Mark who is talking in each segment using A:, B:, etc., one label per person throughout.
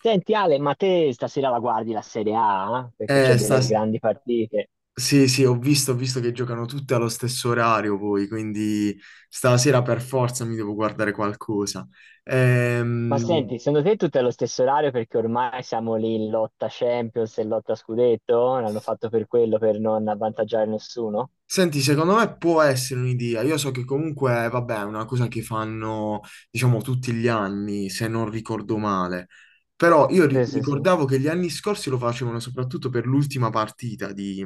A: Senti Ale, ma te stasera la guardi la Serie A? Eh? Perché c'è
B: Eh, sta...
A: delle grandi partite.
B: Sì, sì, ho visto che giocano tutte allo stesso orario poi, quindi stasera per forza mi devo guardare qualcosa.
A: Ma
B: Ehm,
A: senti, secondo te tutto è lo stesso orario perché ormai siamo lì in lotta Champions e lotta Scudetto? L'hanno fatto per quello, per non avvantaggiare nessuno?
B: Senti, secondo me può essere un'idea. Io so che comunque, vabbè, è una cosa che fanno, diciamo, tutti gli anni, se non ricordo male. Però io
A: Sì, sì, sì.
B: ricordavo che gli anni scorsi lo facevano soprattutto per l'ultima partita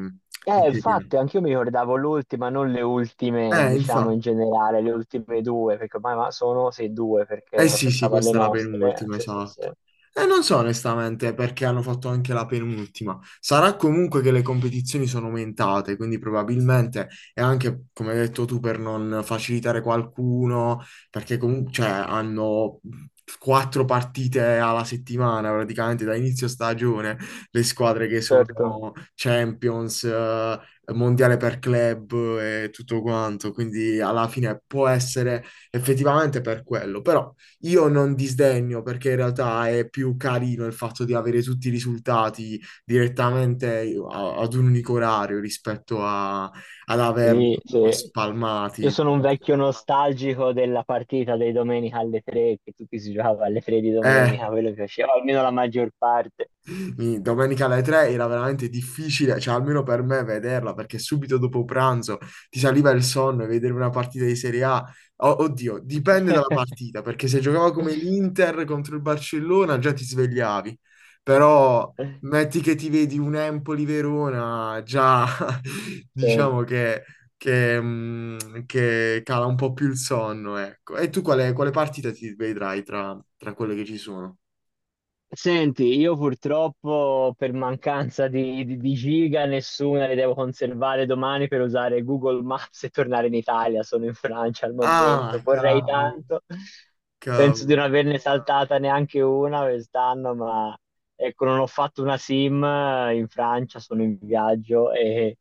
B: di Serie A.
A: Infatti, anch'io mi ricordavo l'ultima, non le ultime, diciamo in
B: Infatti.
A: generale, le ultime due, perché ormai sono sì due, perché
B: Eh
A: ora
B: sì, sì,
A: pensavo alle
B: questa è la
A: nostre.
B: penultima,
A: Sì, sì, sì.
B: esatto. E non so onestamente perché hanno fatto anche la penultima. Sarà comunque che le competizioni sono aumentate, quindi probabilmente è anche, come hai detto tu, per non facilitare qualcuno, perché comunque cioè, hanno quattro partite alla settimana, praticamente da inizio stagione, le squadre che sono
A: Certo,
B: Champions, Mondiale per club e tutto quanto, quindi alla fine può essere effettivamente per quello, però... Io non disdegno perché in realtà è più carino il fatto di avere tutti i risultati direttamente ad un unico orario rispetto ad averli
A: sì,
B: comunque
A: sì. Io
B: spalmati.
A: sono un vecchio nostalgico della partita dei domenica alle tre, che tutti si giocava alle tre di
B: Eh,
A: domenica, quello che piaceva, almeno la maggior parte.
B: Domenica alle 3 era veramente difficile, cioè almeno per me vederla, perché subito dopo pranzo ti saliva il sonno e vedere una partita di Serie A. Oddio, dipende dalla partita, perché se giocava come l'Inter contro il Barcellona già ti svegliavi, però metti che ti vedi un Empoli-Verona, già diciamo
A: Certo.
B: che cala un po' più il sonno, ecco. E tu quale, quale partita ti vedrai tra, tra quelle che ci sono?
A: Senti, io purtroppo per mancanza di giga nessuna le devo conservare domani per usare Google Maps e tornare in Italia. Sono in Francia al momento,
B: Ah,
A: vorrei
B: cavolo.
A: tanto. Penso di
B: Cavolo.
A: non averne saltata neanche una quest'anno, ma ecco, non ho fatto una SIM in Francia, sono in viaggio e,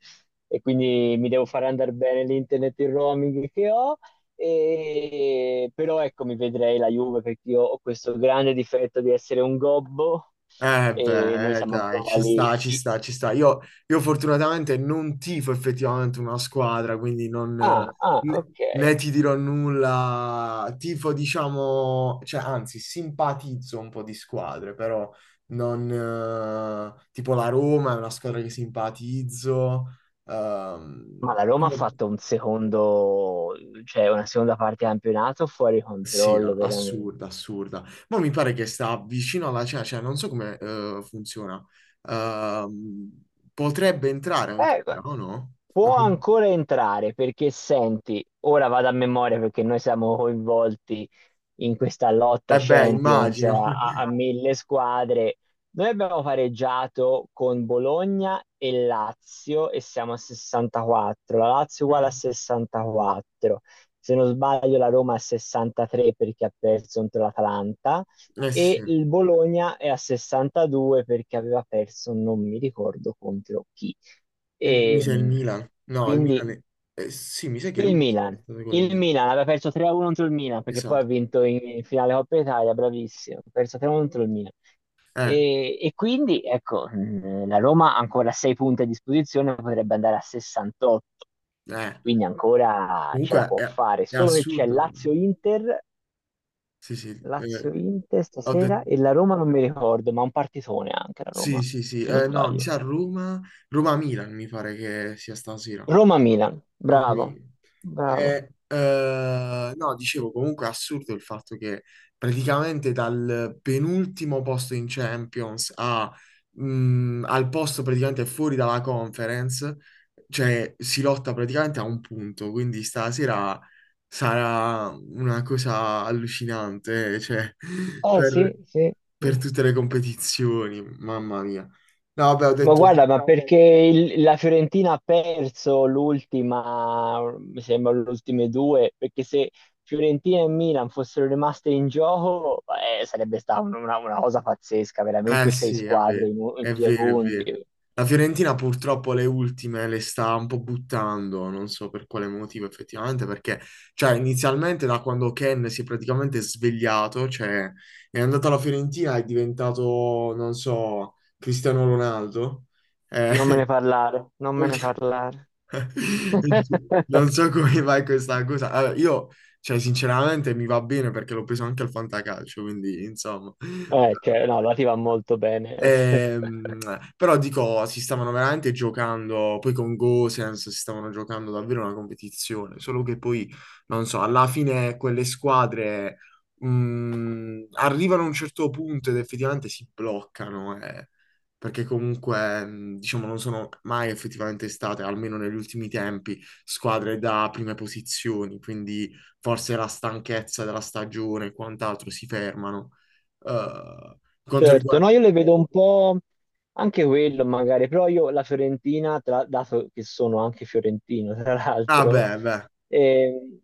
A: quindi mi devo fare andare bene l'internet e il roaming che ho. Però ecco, mi vedrei la Juve perché io ho questo grande difetto di essere un gobbo
B: Eh
A: e noi
B: beh,
A: siamo
B: dai,
A: ancora
B: ci
A: lì.
B: sta, ci sta, ci sta. Io fortunatamente non tifo effettivamente una squadra, quindi non,
A: Ah, ah,
B: né,
A: ok.
B: né ti dirò nulla. Tifo, diciamo, cioè, anzi, simpatizzo un po' di squadre, però non... tipo la Roma è una squadra che simpatizzo. ehm,
A: Ma la Roma ha fatto un secondo, cioè una seconda parte di campionato fuori
B: Sì,
A: controllo,
B: no,
A: veramente.
B: assurda, assurda. Ma mi pare che sta vicino alla cena, cioè non so come funziona. Ehm, potrebbe entrare ancora,
A: Eh,
B: o no?
A: Può ancora entrare perché senti, ora vado a memoria perché noi siamo coinvolti in questa lotta
B: Eh beh,
A: Champions a,
B: immagino.
A: a- a mille squadre. Noi abbiamo pareggiato con Bologna e Lazio e siamo a 64. La Lazio è uguale a
B: Mm.
A: 64. Se non sbaglio, la Roma è a 63 perché ha perso contro l'Atalanta
B: Eh sì.
A: e il Bologna è a 62 perché aveva perso, non mi ricordo contro chi.
B: Mm, mi
A: E,
B: sa il Milan. No, il
A: quindi
B: Milan è... sì, mi sa che lui
A: il
B: è
A: Milan.
B: stato col
A: Il
B: Milan.
A: Milan aveva perso 3-1 contro il Milan perché poi ha
B: Esatto.
A: vinto in finale Coppa Italia, bravissimo. Ha perso 3-1 contro il Milan.
B: Eh,
A: E quindi, ecco, la Roma ha ancora 6 punti a disposizione, potrebbe andare a 68,
B: eh.
A: quindi ancora ce la
B: Comunque
A: può fare.
B: è
A: Solo che c'è
B: assurdo.
A: Lazio-Inter,
B: Sì, sì. Eh,
A: Lazio-Inter
B: ho
A: stasera
B: detto...
A: e la Roma non mi ricordo, ma un partitone anche la
B: Sì,
A: Roma,
B: sì, sì.
A: se non
B: No, mi
A: sbaglio.
B: sa Roma... Roma-Milan mi pare che sia stasera.
A: Roma-Milan,
B: Proprio
A: bravo,
B: mi-
A: bravo.
B: No, dicevo comunque è assurdo il fatto che praticamente dal penultimo posto in Champions a, al posto praticamente fuori dalla conference, cioè si lotta praticamente a un punto, quindi stasera sarà una cosa allucinante, cioè,
A: Eh
B: per,
A: sì, sì,
B: per
A: sì.
B: tutte le competizioni, mamma mia. No, vabbè, ho
A: Ma
B: detto,
A: guarda, ma diciamo che perché la Fiorentina ha perso l'ultima, mi sembra le ultime due, perché se Fiorentina e Milan fossero rimaste in gioco, sarebbe stata una cosa pazzesca,
B: eh
A: veramente sei
B: sì, è
A: squadre
B: vero,
A: in
B: è
A: due
B: vero, è vero.
A: punti.
B: La Fiorentina purtroppo le ultime le sta un po' buttando, non so per quale motivo effettivamente, perché cioè, inizialmente da quando Ken si è praticamente svegliato, cioè è andato alla Fiorentina, è diventato, non so, Cristiano Ronaldo. Eh,
A: Non me ne parlare, non me
B: quel-
A: ne parlare.
B: non so come vai questa cosa. Allora, io, cioè, sinceramente mi va bene perché l'ho preso anche al fantacalcio, quindi insomma.
A: Cioè, no, la ti va molto bene.
B: Ehm, però dico, si stavano veramente giocando, poi con Gosens si stavano giocando davvero una competizione, solo che poi, non so, alla fine quelle squadre arrivano a un certo punto ed effettivamente si bloccano, perché comunque, diciamo, non sono mai effettivamente state, almeno negli ultimi tempi, squadre da prime posizioni, quindi forse la stanchezza della stagione e quant'altro si fermano. Quanto
A: Certo,
B: riguarda...
A: no, io le vedo un po' anche quello magari, però io la Fiorentina, dato che sono anche fiorentino, tra
B: Ah
A: l'altro,
B: beh, beh,
A: ehm,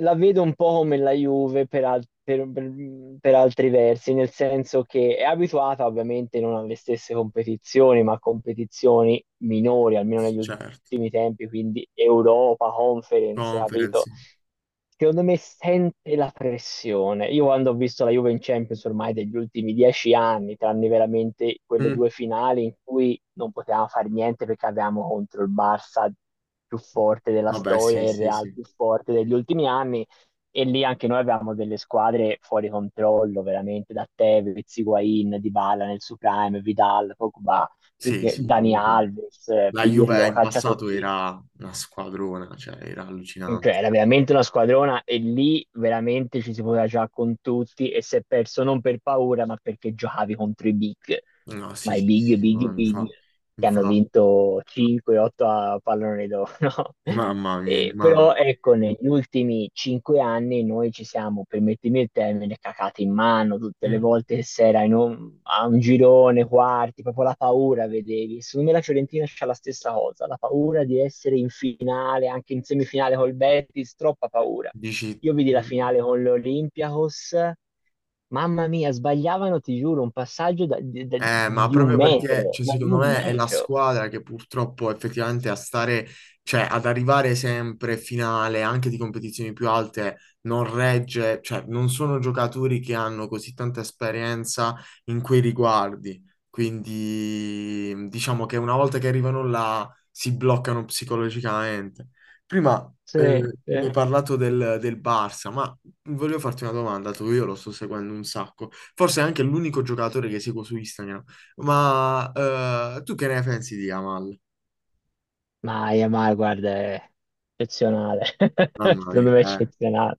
A: la vedo un po' come la Juve per, al- per altri versi, nel senso che è abituata ovviamente non alle stesse competizioni, ma a competizioni minori, almeno negli
B: certo,
A: ultimi tempi, quindi Europa, Conference,
B: conference.
A: capito?
B: Sì.
A: Secondo me sente la pressione. Io quando ho visto la Juve in Champions ormai degli ultimi 10 anni, tranne veramente quelle
B: Mm.
A: due finali in cui non potevamo fare niente perché avevamo contro il Barça più forte della
B: Vabbè,
A: storia
B: sì,
A: e il
B: sì,
A: Real
B: sì.
A: più forte degli ultimi anni, e lì anche noi avevamo delle squadre fuori controllo, veramente, da Tevez, Higuain, Dybala nel suo prime, Vidal, Pogba,
B: Sì,
A: tutti,
B: sì,
A: Dani
B: comunque.
A: Alves,
B: La Juve
A: Pirlo,
B: in passato
A: calciatori
B: era una squadrona, cioè era
A: cioè,
B: allucinante.
A: era veramente una squadrona e lì veramente ci si poteva giocare con tutti e si è perso non per paura, ma perché giocavi contro i big,
B: No, sì,
A: ma i
B: sì,
A: big,
B: sì, ma
A: big, big, che hanno
B: infa,
A: vinto 5-8 a pallone d'oro. No?
B: mamma mia,
A: E,
B: ma
A: però ecco, negli ultimi 5 anni e noi ci siamo, permettimi il termine, cacate in mano tutte le
B: mm,
A: volte che si era in un, a un girone, quarti, proprio la paura, vedevi. Secondo me la Fiorentina c'ha la stessa cosa, la paura di essere in finale, anche in semifinale col Betis, troppa paura.
B: dici,
A: Io vidi la
B: mm,
A: finale con l'Olympiacos, mamma mia, sbagliavano, ti giuro, un passaggio
B: eh, ma
A: di un
B: proprio perché,
A: metro,
B: cioè,
A: ma di
B: secondo
A: un
B: me è la
A: metro.
B: squadra che purtroppo effettivamente a stare, cioè ad arrivare sempre finale anche di competizioni più alte non regge, cioè non sono giocatori che hanno così tanta esperienza in quei riguardi. Quindi mm, diciamo che una volta che arrivano là si bloccano psicologicamente. Prima
A: Sì,
B: mi
A: sì.
B: hai parlato del, del Barça, ma volevo farti una domanda, tu io lo sto seguendo un sacco, forse è anche l'unico giocatore che seguo su Instagram, ma tu che ne pensi di Yamal?
A: Ma guarda, è eccezionale,
B: Mamma
A: secondo
B: mia,
A: me è eccezionale.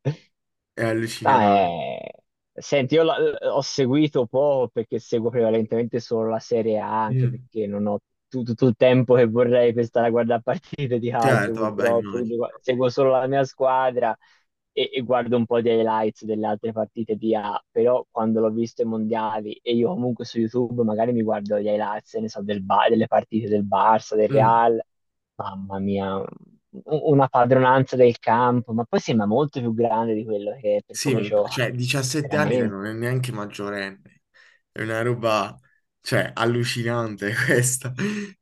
B: è
A: Ah,
B: allucinante.
A: senti, io ho seguito poco perché seguo prevalentemente solo la Serie A, anche
B: Mm,
A: perché non ho tutto il tempo che vorrei per stare a guardare partite di calcio,
B: certo, vabbè,
A: purtroppo. Quindi
B: immagino.
A: seguo solo la mia squadra e guardo un po' di highlights delle altre partite di A. Però quando l'ho visto ai mondiali e io comunque su YouTube magari mi guardo gli highlights, ne so, del delle partite del Barça, del
B: Mm,
A: Real. Mamma mia, una padronanza del campo, ma poi sembra molto più grande di quello che è per
B: sì, ma
A: come gioca,
B: cioè, 17 anni te non
A: veramente.
B: è neanche maggiorenne, è una roba, cioè, allucinante questa,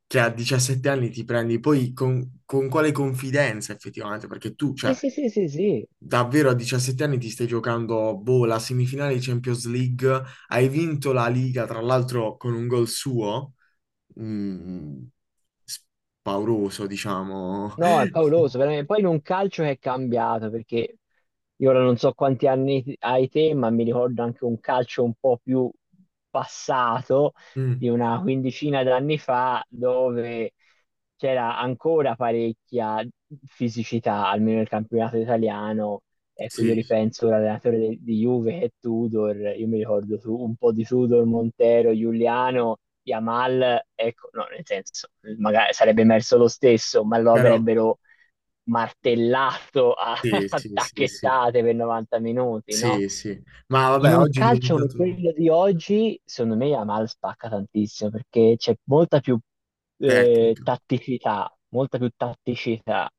B: che a 17 anni ti prendi, poi con quale confidenza effettivamente, perché tu,
A: Sì,
B: cioè,
A: sì, sì, sì, sì.
B: davvero a 17 anni ti stai giocando, boh, la semifinale di Champions League, hai vinto la Liga, tra l'altro con un gol suo, mm, pauroso, diciamo.
A: No, è pauroso, veramente. Poi in un calcio che è cambiato, perché io ora non so quanti anni hai te, ma mi ricordo anche un calcio un po' più passato, di
B: Mm,
A: una quindicina d'anni fa, dove c'era ancora parecchia fisicità, almeno nel campionato italiano. Ecco, io
B: sì,
A: ripenso all'allenatore di Juve che è Tudor, io mi ricordo un po' di Tudor, Montero, Giuliano, Yamal, ecco, no, nel senso, magari sarebbe emerso lo stesso, ma lo
B: però
A: avrebbero martellato a,
B: sì,
A: a
B: sì, sì, sì,
A: tacchettate per 90 minuti, no?
B: sì, sì. Ma
A: In
B: vabbè,
A: un
B: oggi è
A: calcio come
B: diventato
A: quello di oggi, secondo me Yamal spacca tantissimo perché c'è molta più
B: tecnico.
A: tatticità, molta più tatticità.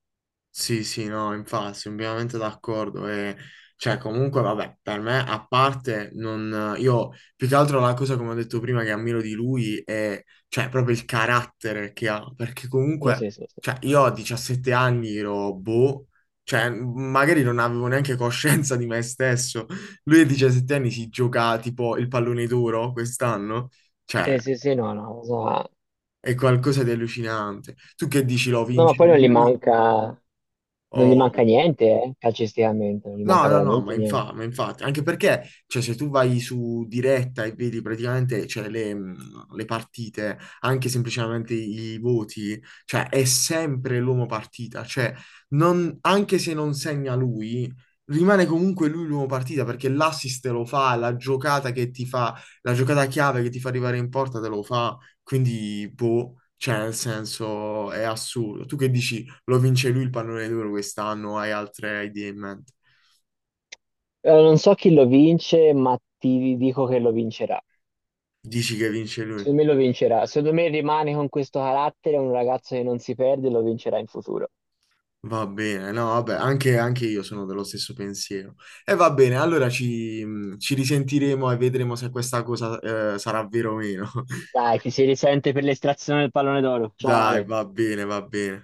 B: Sì, sì, no, infatti, sono pienamente d'accordo. E, cioè, comunque, vabbè, per me, a parte, non, io più che altro la cosa, come ho detto prima, che ammiro di lui è, cioè, proprio il carattere che ha. Perché
A: Sì,
B: comunque,
A: sì, sì, sì.
B: cioè, io a 17 anni ero boh, cioè, magari non avevo neanche coscienza di me stesso. Lui a 17 anni si gioca tipo il pallone d'oro quest'anno. Cioè,
A: Sì, sì, sì, no, no,
B: è qualcosa di allucinante. Tu che dici, lo
A: no, ma
B: vince
A: poi non gli
B: lui?
A: manca, non gli
B: O...
A: manca niente, calcisticamente, non gli manca
B: no, no, no,
A: veramente niente.
B: ma infatti, anche perché, cioè, se tu vai su diretta e vedi praticamente, cioè, le partite, anche semplicemente i voti, cioè, è sempre l'uomo partita, cioè, anche se non segna lui, rimane comunque lui l'uomo partita, perché l'assist te lo fa, la giocata che ti fa, la giocata chiave che ti fa arrivare in porta te lo fa, quindi, boh, cioè, nel senso, è assurdo. Tu che dici, lo vince lui il pallone d'oro quest'anno, hai altre idee in mente?
A: Non so chi lo vince, ma ti dico che lo vincerà.
B: Dici che vince lui?
A: Secondo me lo vincerà. Secondo me rimane con questo carattere, è un ragazzo che non si perde e lo vincerà in futuro.
B: Va bene, no, vabbè, anche, anche io sono dello stesso pensiero. E va bene, allora ci, ci risentiremo e vedremo se questa cosa, sarà vera o meno.
A: Dai, ti si risente per l'estrazione del pallone d'oro. Ciao
B: Dai,
A: Ale.
B: va bene, va bene.